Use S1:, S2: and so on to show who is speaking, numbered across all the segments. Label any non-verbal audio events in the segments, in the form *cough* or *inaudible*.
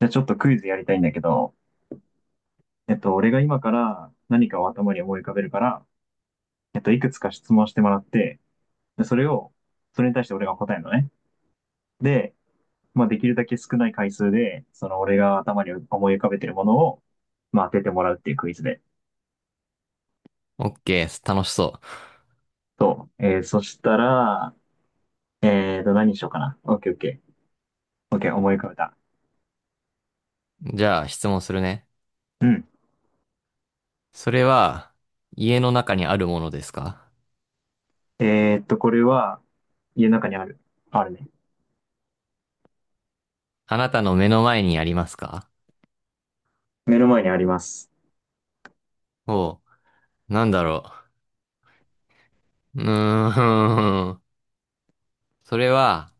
S1: じゃあちょっとクイズやりたいんだけど、俺が今から何かを頭に思い浮かべるから、いくつか質問してもらって、で、それに対して俺が答えるのね。で、まあ、できるだけ少ない回数で、その俺が頭に思い浮かべてるものを、まあ、当ててもらうっていうクイズで。
S2: オッケー、楽しそ
S1: そう。そしたら、何にしようかな。オッケーオッケー。オッケー、思い浮かべた。
S2: う。じゃあ質問するね。
S1: うん。
S2: それは、家の中にあるものですか？
S1: これは、家の中にある。あるね。
S2: あなたの目の前にありますか？
S1: 目の前にあります。
S2: おう、なんだろう。うーん。*laughs* それは、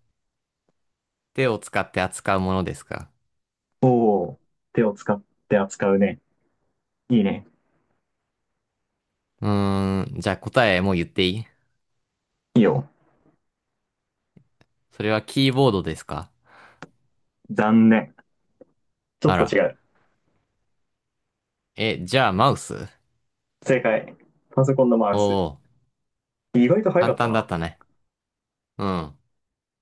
S2: 手を使って扱うものですか？
S1: おー、手を使って扱うね。いいね。
S2: うーん。じゃあ答えもう言っていい？
S1: いいよ。
S2: それはキーボードですか？
S1: 残念。ちょっ
S2: あ
S1: と
S2: ら。
S1: 違う。
S2: え、じゃあマウス？
S1: 正解。パソコンのマウス。
S2: おう、
S1: 意外と早か
S2: 簡
S1: った
S2: 単だっ
S1: な。
S2: たね。うん。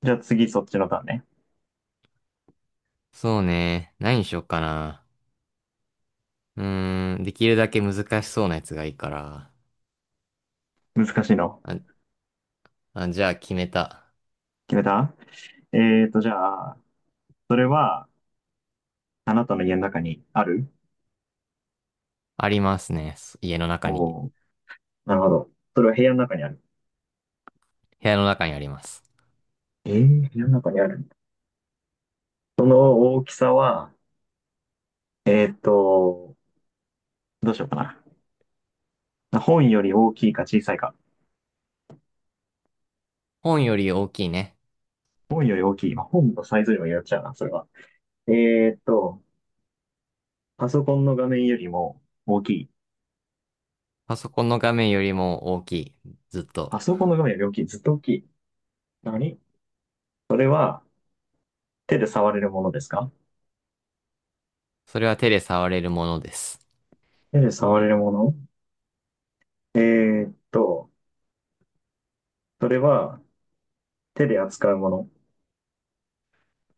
S1: じゃあ次そっちのターンね。
S2: そうね。何にしよっかな。うーん。できるだけ難しそうなやつがいいから。
S1: 難しいの。
S2: ああ、じゃあ決めた。
S1: 決めた。じゃあ、それは、あなたの家の中にある。
S2: ありますね。家の中に。
S1: おー、なるほど。それは部屋の中にある。
S2: 部屋の中にあります。
S1: 部屋の中にある。その大きさは、えーと、どうしようかな。本より大きいか小さいか。
S2: 本より大きいね。
S1: 本より大きい。まあ、本のサイズにもよっちゃうな、それは。えーと、パソコンの画面よりも大きい。
S2: パソコンの画面よりも大きい。ずっと。
S1: パソコンの画面より大きい。ずっと大きい。何それは手で触れるものですか？
S2: それは手で触れるものです。
S1: 手で触れるもの。えーっと、それは手で扱うもの。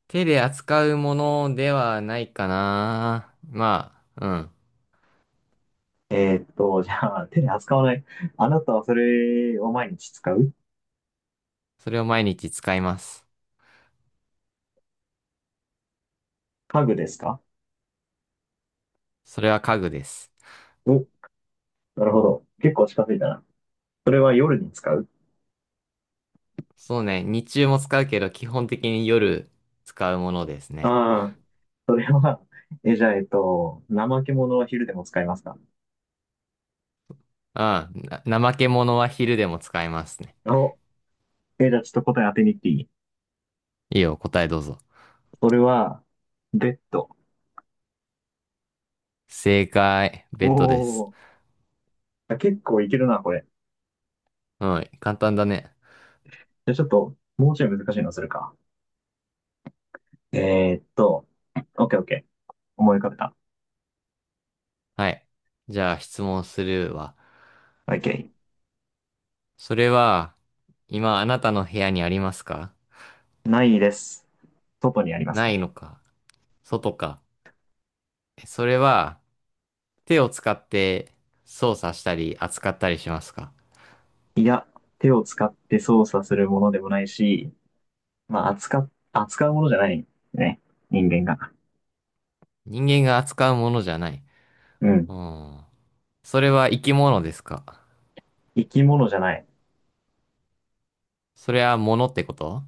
S2: 手で扱うものではないかな。まあ、うん。
S1: じゃあ手で扱わない。あなたはそれを毎日使う。
S2: それを毎日使います。
S1: 家具ですか？
S2: それは家具です。
S1: お、なるほど。結構近づいたな。それは夜に使う。
S2: そうね。日中も使うけど、基本的に夜使うものですね。
S1: ああー、それは、え、じゃあ、怠け者は昼でも使いますか？
S2: うん。な、怠け者は昼でも使いますね。
S1: お、え、じゃあちょっと答え当てに行っていい？
S2: いいよ、答えどうぞ。
S1: それは、ベッド。
S2: 正解、ベ
S1: お
S2: ッドです。
S1: お、あ、結構いけるな、これ。
S2: うん、簡単だね。
S1: じゃあちょっと、もうちょい難しいのするか。えーっと、オッケーオッケー。思い浮かべた。
S2: はい。じゃあ質問するわ。
S1: オッケ
S2: それは、今あなたの部屋にありますか？
S1: ー。ないです。外にあります
S2: ない
S1: ね。
S2: のか。外か。それは、手を使って操作したり扱ったりしますか？
S1: いや、手を使って操作するものでもないし、まあ、扱うものじゃないね。人間が。
S2: 人間が扱うものじゃない。
S1: うん。
S2: うん。それは生き物ですか？
S1: 生き物じゃない。
S2: それは物ってこと？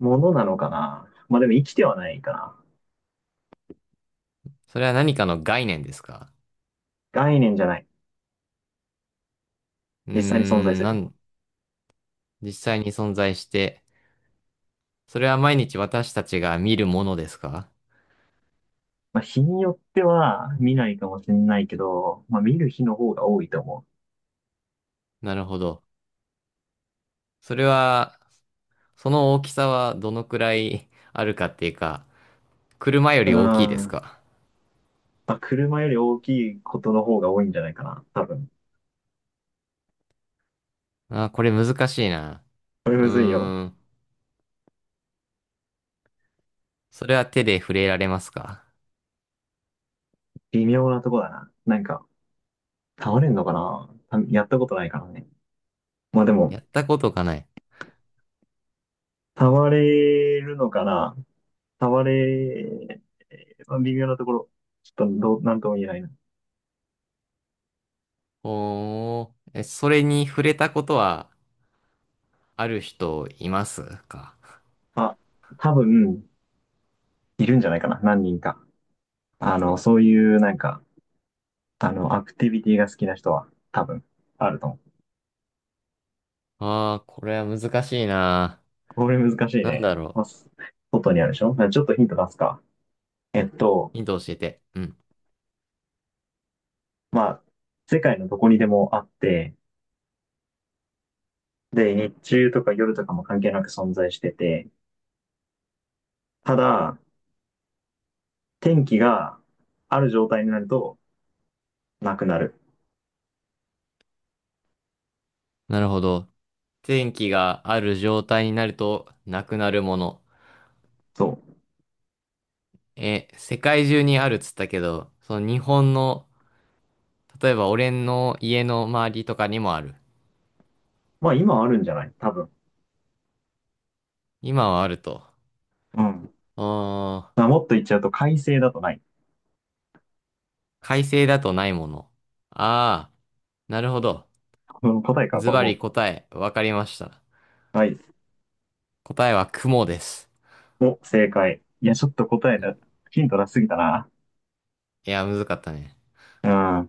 S1: ものなのかな。まあでも生きてはないかな。
S2: それは何かの概念ですか？
S1: 概念じゃない。
S2: うー
S1: 実際に存在
S2: ん、
S1: す
S2: な
S1: る。
S2: ん、実際に存在して、それは毎日私たちが見るものですか？
S1: まあ、日によっては見ないかもしれないけど、まあ、見る日の方が多いと思
S2: なるほど。それは、その大きさはどのくらいあるかっていうか、車よ
S1: う。う
S2: り大きい
S1: ー
S2: です
S1: ん。
S2: か？
S1: まあ、車より大きいことの方が多いんじゃないかな、多分。
S2: あー、これ難しいな。
S1: これ
S2: う
S1: むずいよ。
S2: ーん。それは手で触れられますか？
S1: 微妙なとこだな。なんか、倒れんのかなたやったことないからね。まあでも、
S2: やったことがない。
S1: 倒れるのかな倒れ、まあ微妙なところ。ちょっとなんとも言えないな。
S2: おー。え、それに触れたことはある人いますか？
S1: あ、多分、いるんじゃないかな、何人か。そういう、なんか、アクティビティが好きな人は、多分、あると思う。
S2: ああー、これは難しいな。
S1: これ難しい
S2: なん
S1: ね。
S2: だろ
S1: まあ、
S2: う。
S1: 外にあるでしょ。ちょっとヒント出すか。えっと、
S2: ヒント教えて。うん。
S1: まあ、世界のどこにでもあって、で、日中とか夜とかも関係なく存在してて、ただ、天気がある状態になるとなくなる。
S2: なるほど。天気がある状態になるとなくなるもの。
S1: そう。
S2: え、世界中にあるっつったけど、その日本の例えば俺の家の周りとかにもある？
S1: まあ、今あるんじゃない？多分。
S2: 今はあると。
S1: うん。
S2: うーん、
S1: まあ、もっと言っちゃうと、快晴だとない。
S2: 快晴だとないもの。ああ、なるほど。
S1: この答えか、
S2: ズ
S1: これ
S2: バ
S1: も
S2: リ答え、わかりました。
S1: う。はい。
S2: 答えは雲です。
S1: お、正解。いや、ちょっと答え
S2: うん。
S1: だ、ヒント出しすぎたな。
S2: いや、むずかったね。
S1: うん。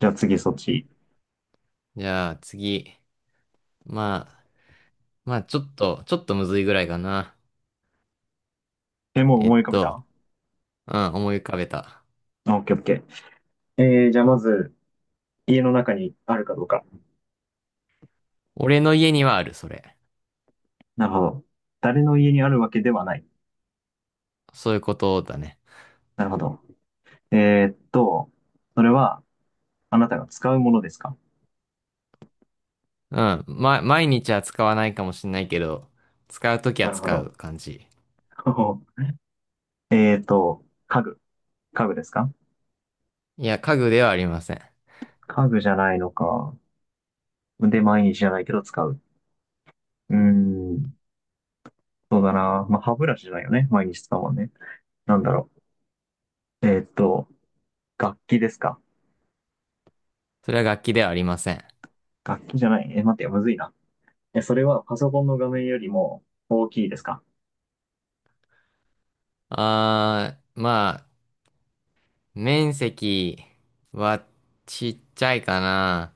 S1: じゃあ次そっち。
S2: じゃあ次。まあ、まあちょっと、ちょっとむずいぐらいかな。
S1: え、もう
S2: え
S1: 思
S2: っ
S1: い浮かべ
S2: と、
S1: た？
S2: うん、思い浮かべた。
S1: あ、オッケーオッケー。じゃあまず、家の中にあるかどうか。
S2: 俺の家にはある、それ。
S1: なるほど。誰の家にあるわけではない。
S2: そういうことだね。
S1: なるほど。えーっと、それは、あなたが使うものですか？
S2: うん、ま、毎日は使わないかもしれないけど、使うとき
S1: な
S2: は
S1: るほ
S2: 使う
S1: ど。
S2: 感じ。
S1: *laughs* 家具。家具ですか？
S2: いや、家具ではありません。
S1: 家具じゃないのか。で、毎日じゃないけど使う。うーん、そうだな。まあ、歯ブラシじゃないよね。毎日使うもんね。なんだろう。楽器ですか？
S2: それは楽器ではありません。
S1: 楽器じゃない。え、待ってよ、むずいな。え、それはパソコンの画面よりも大きいですか？
S2: あー、まあ、面積はちっちゃいかな。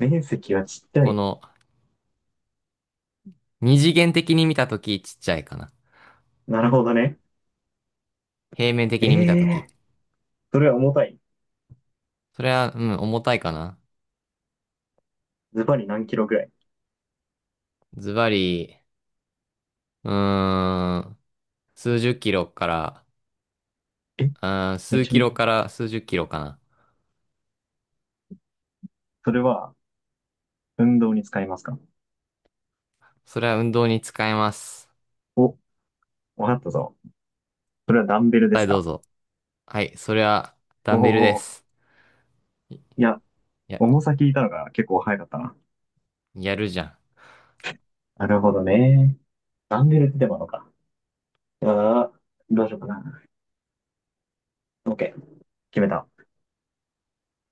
S1: 面積はちっちゃ
S2: こ
S1: い。
S2: の、二次元的に見たときちっちゃいかな。
S1: なるほどね。
S2: 平面的
S1: え
S2: に見たと
S1: え
S2: き。
S1: ー、それは重たい。
S2: それは、うん、重たいかな。
S1: ズバリ何キロぐらい？
S2: ズバリ、うーん、数十キロから、
S1: え、
S2: うーん、
S1: め
S2: 数
S1: ちゃ
S2: キ
S1: めち
S2: ロ
S1: ゃ。
S2: から数十キロかな。
S1: それは、運動に使いますか？
S2: それは運動に使えます。
S1: お、わかったぞ。それはダンベルで
S2: 答
S1: す
S2: えどう
S1: か？
S2: ぞ。はい、それは、
S1: お
S2: ダンベルで
S1: お
S2: す。い
S1: ー、いや、
S2: や、
S1: 重さ聞いたのが結構早かったな。
S2: やるじゃん。
S1: なるほどね。ダンベルってでものか。ああ、どうしようかな。OK、決めた。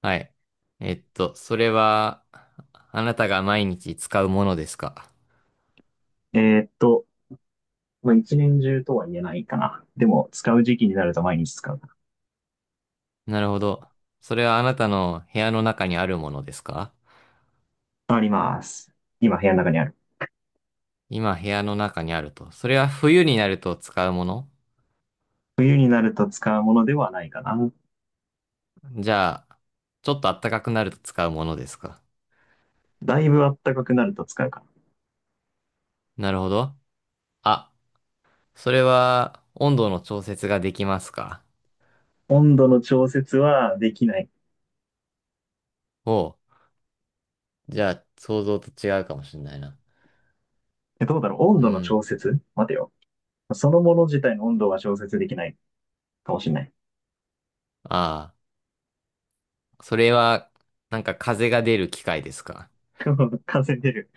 S2: はい。それは、あなたが毎日使うものですか？
S1: えーっと、まあ、一年中とは言えないかな。でも、使う時期になると毎日使う。
S2: なるほど。それはあなたの部屋の中にあるものですか？
S1: あります。今、部屋の中にある。
S2: 今部屋の中にあると。それは冬になると使うもの？
S1: 冬になると使うものではないかな。
S2: じゃあ、ちょっと暖かくなると使うものですか？
S1: だいぶ暖かくなると使うかな。
S2: なるほど。あ、それは温度の調節ができますか？
S1: 温度の調節はできない。
S2: おう。じゃあ、想像と違うかもしれないな。
S1: え、どうだろう？温
S2: う
S1: 度の
S2: ん。
S1: 調節、待てよ。そのもの自体の温度が調節できないかもしれない。
S2: ああ、それは、なんか風が出る機械ですか？
S1: *laughs* 感染出る。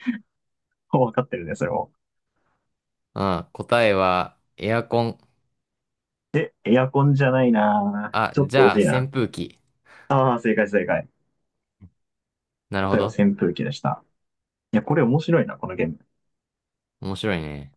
S1: *laughs* 分かってるね、それも。
S2: あ、答えはエアコン。
S1: で、エアコンじゃないなぁ。
S2: あ、
S1: ちょっ
S2: じ
S1: と惜
S2: ゃあ
S1: しいな。
S2: 扇風機。
S1: ああ、正解正解。
S2: なる
S1: 答
S2: ほ
S1: えは
S2: ど。
S1: 扇風機でした。いや、これ面白いな、このゲーム。
S2: 面白いね。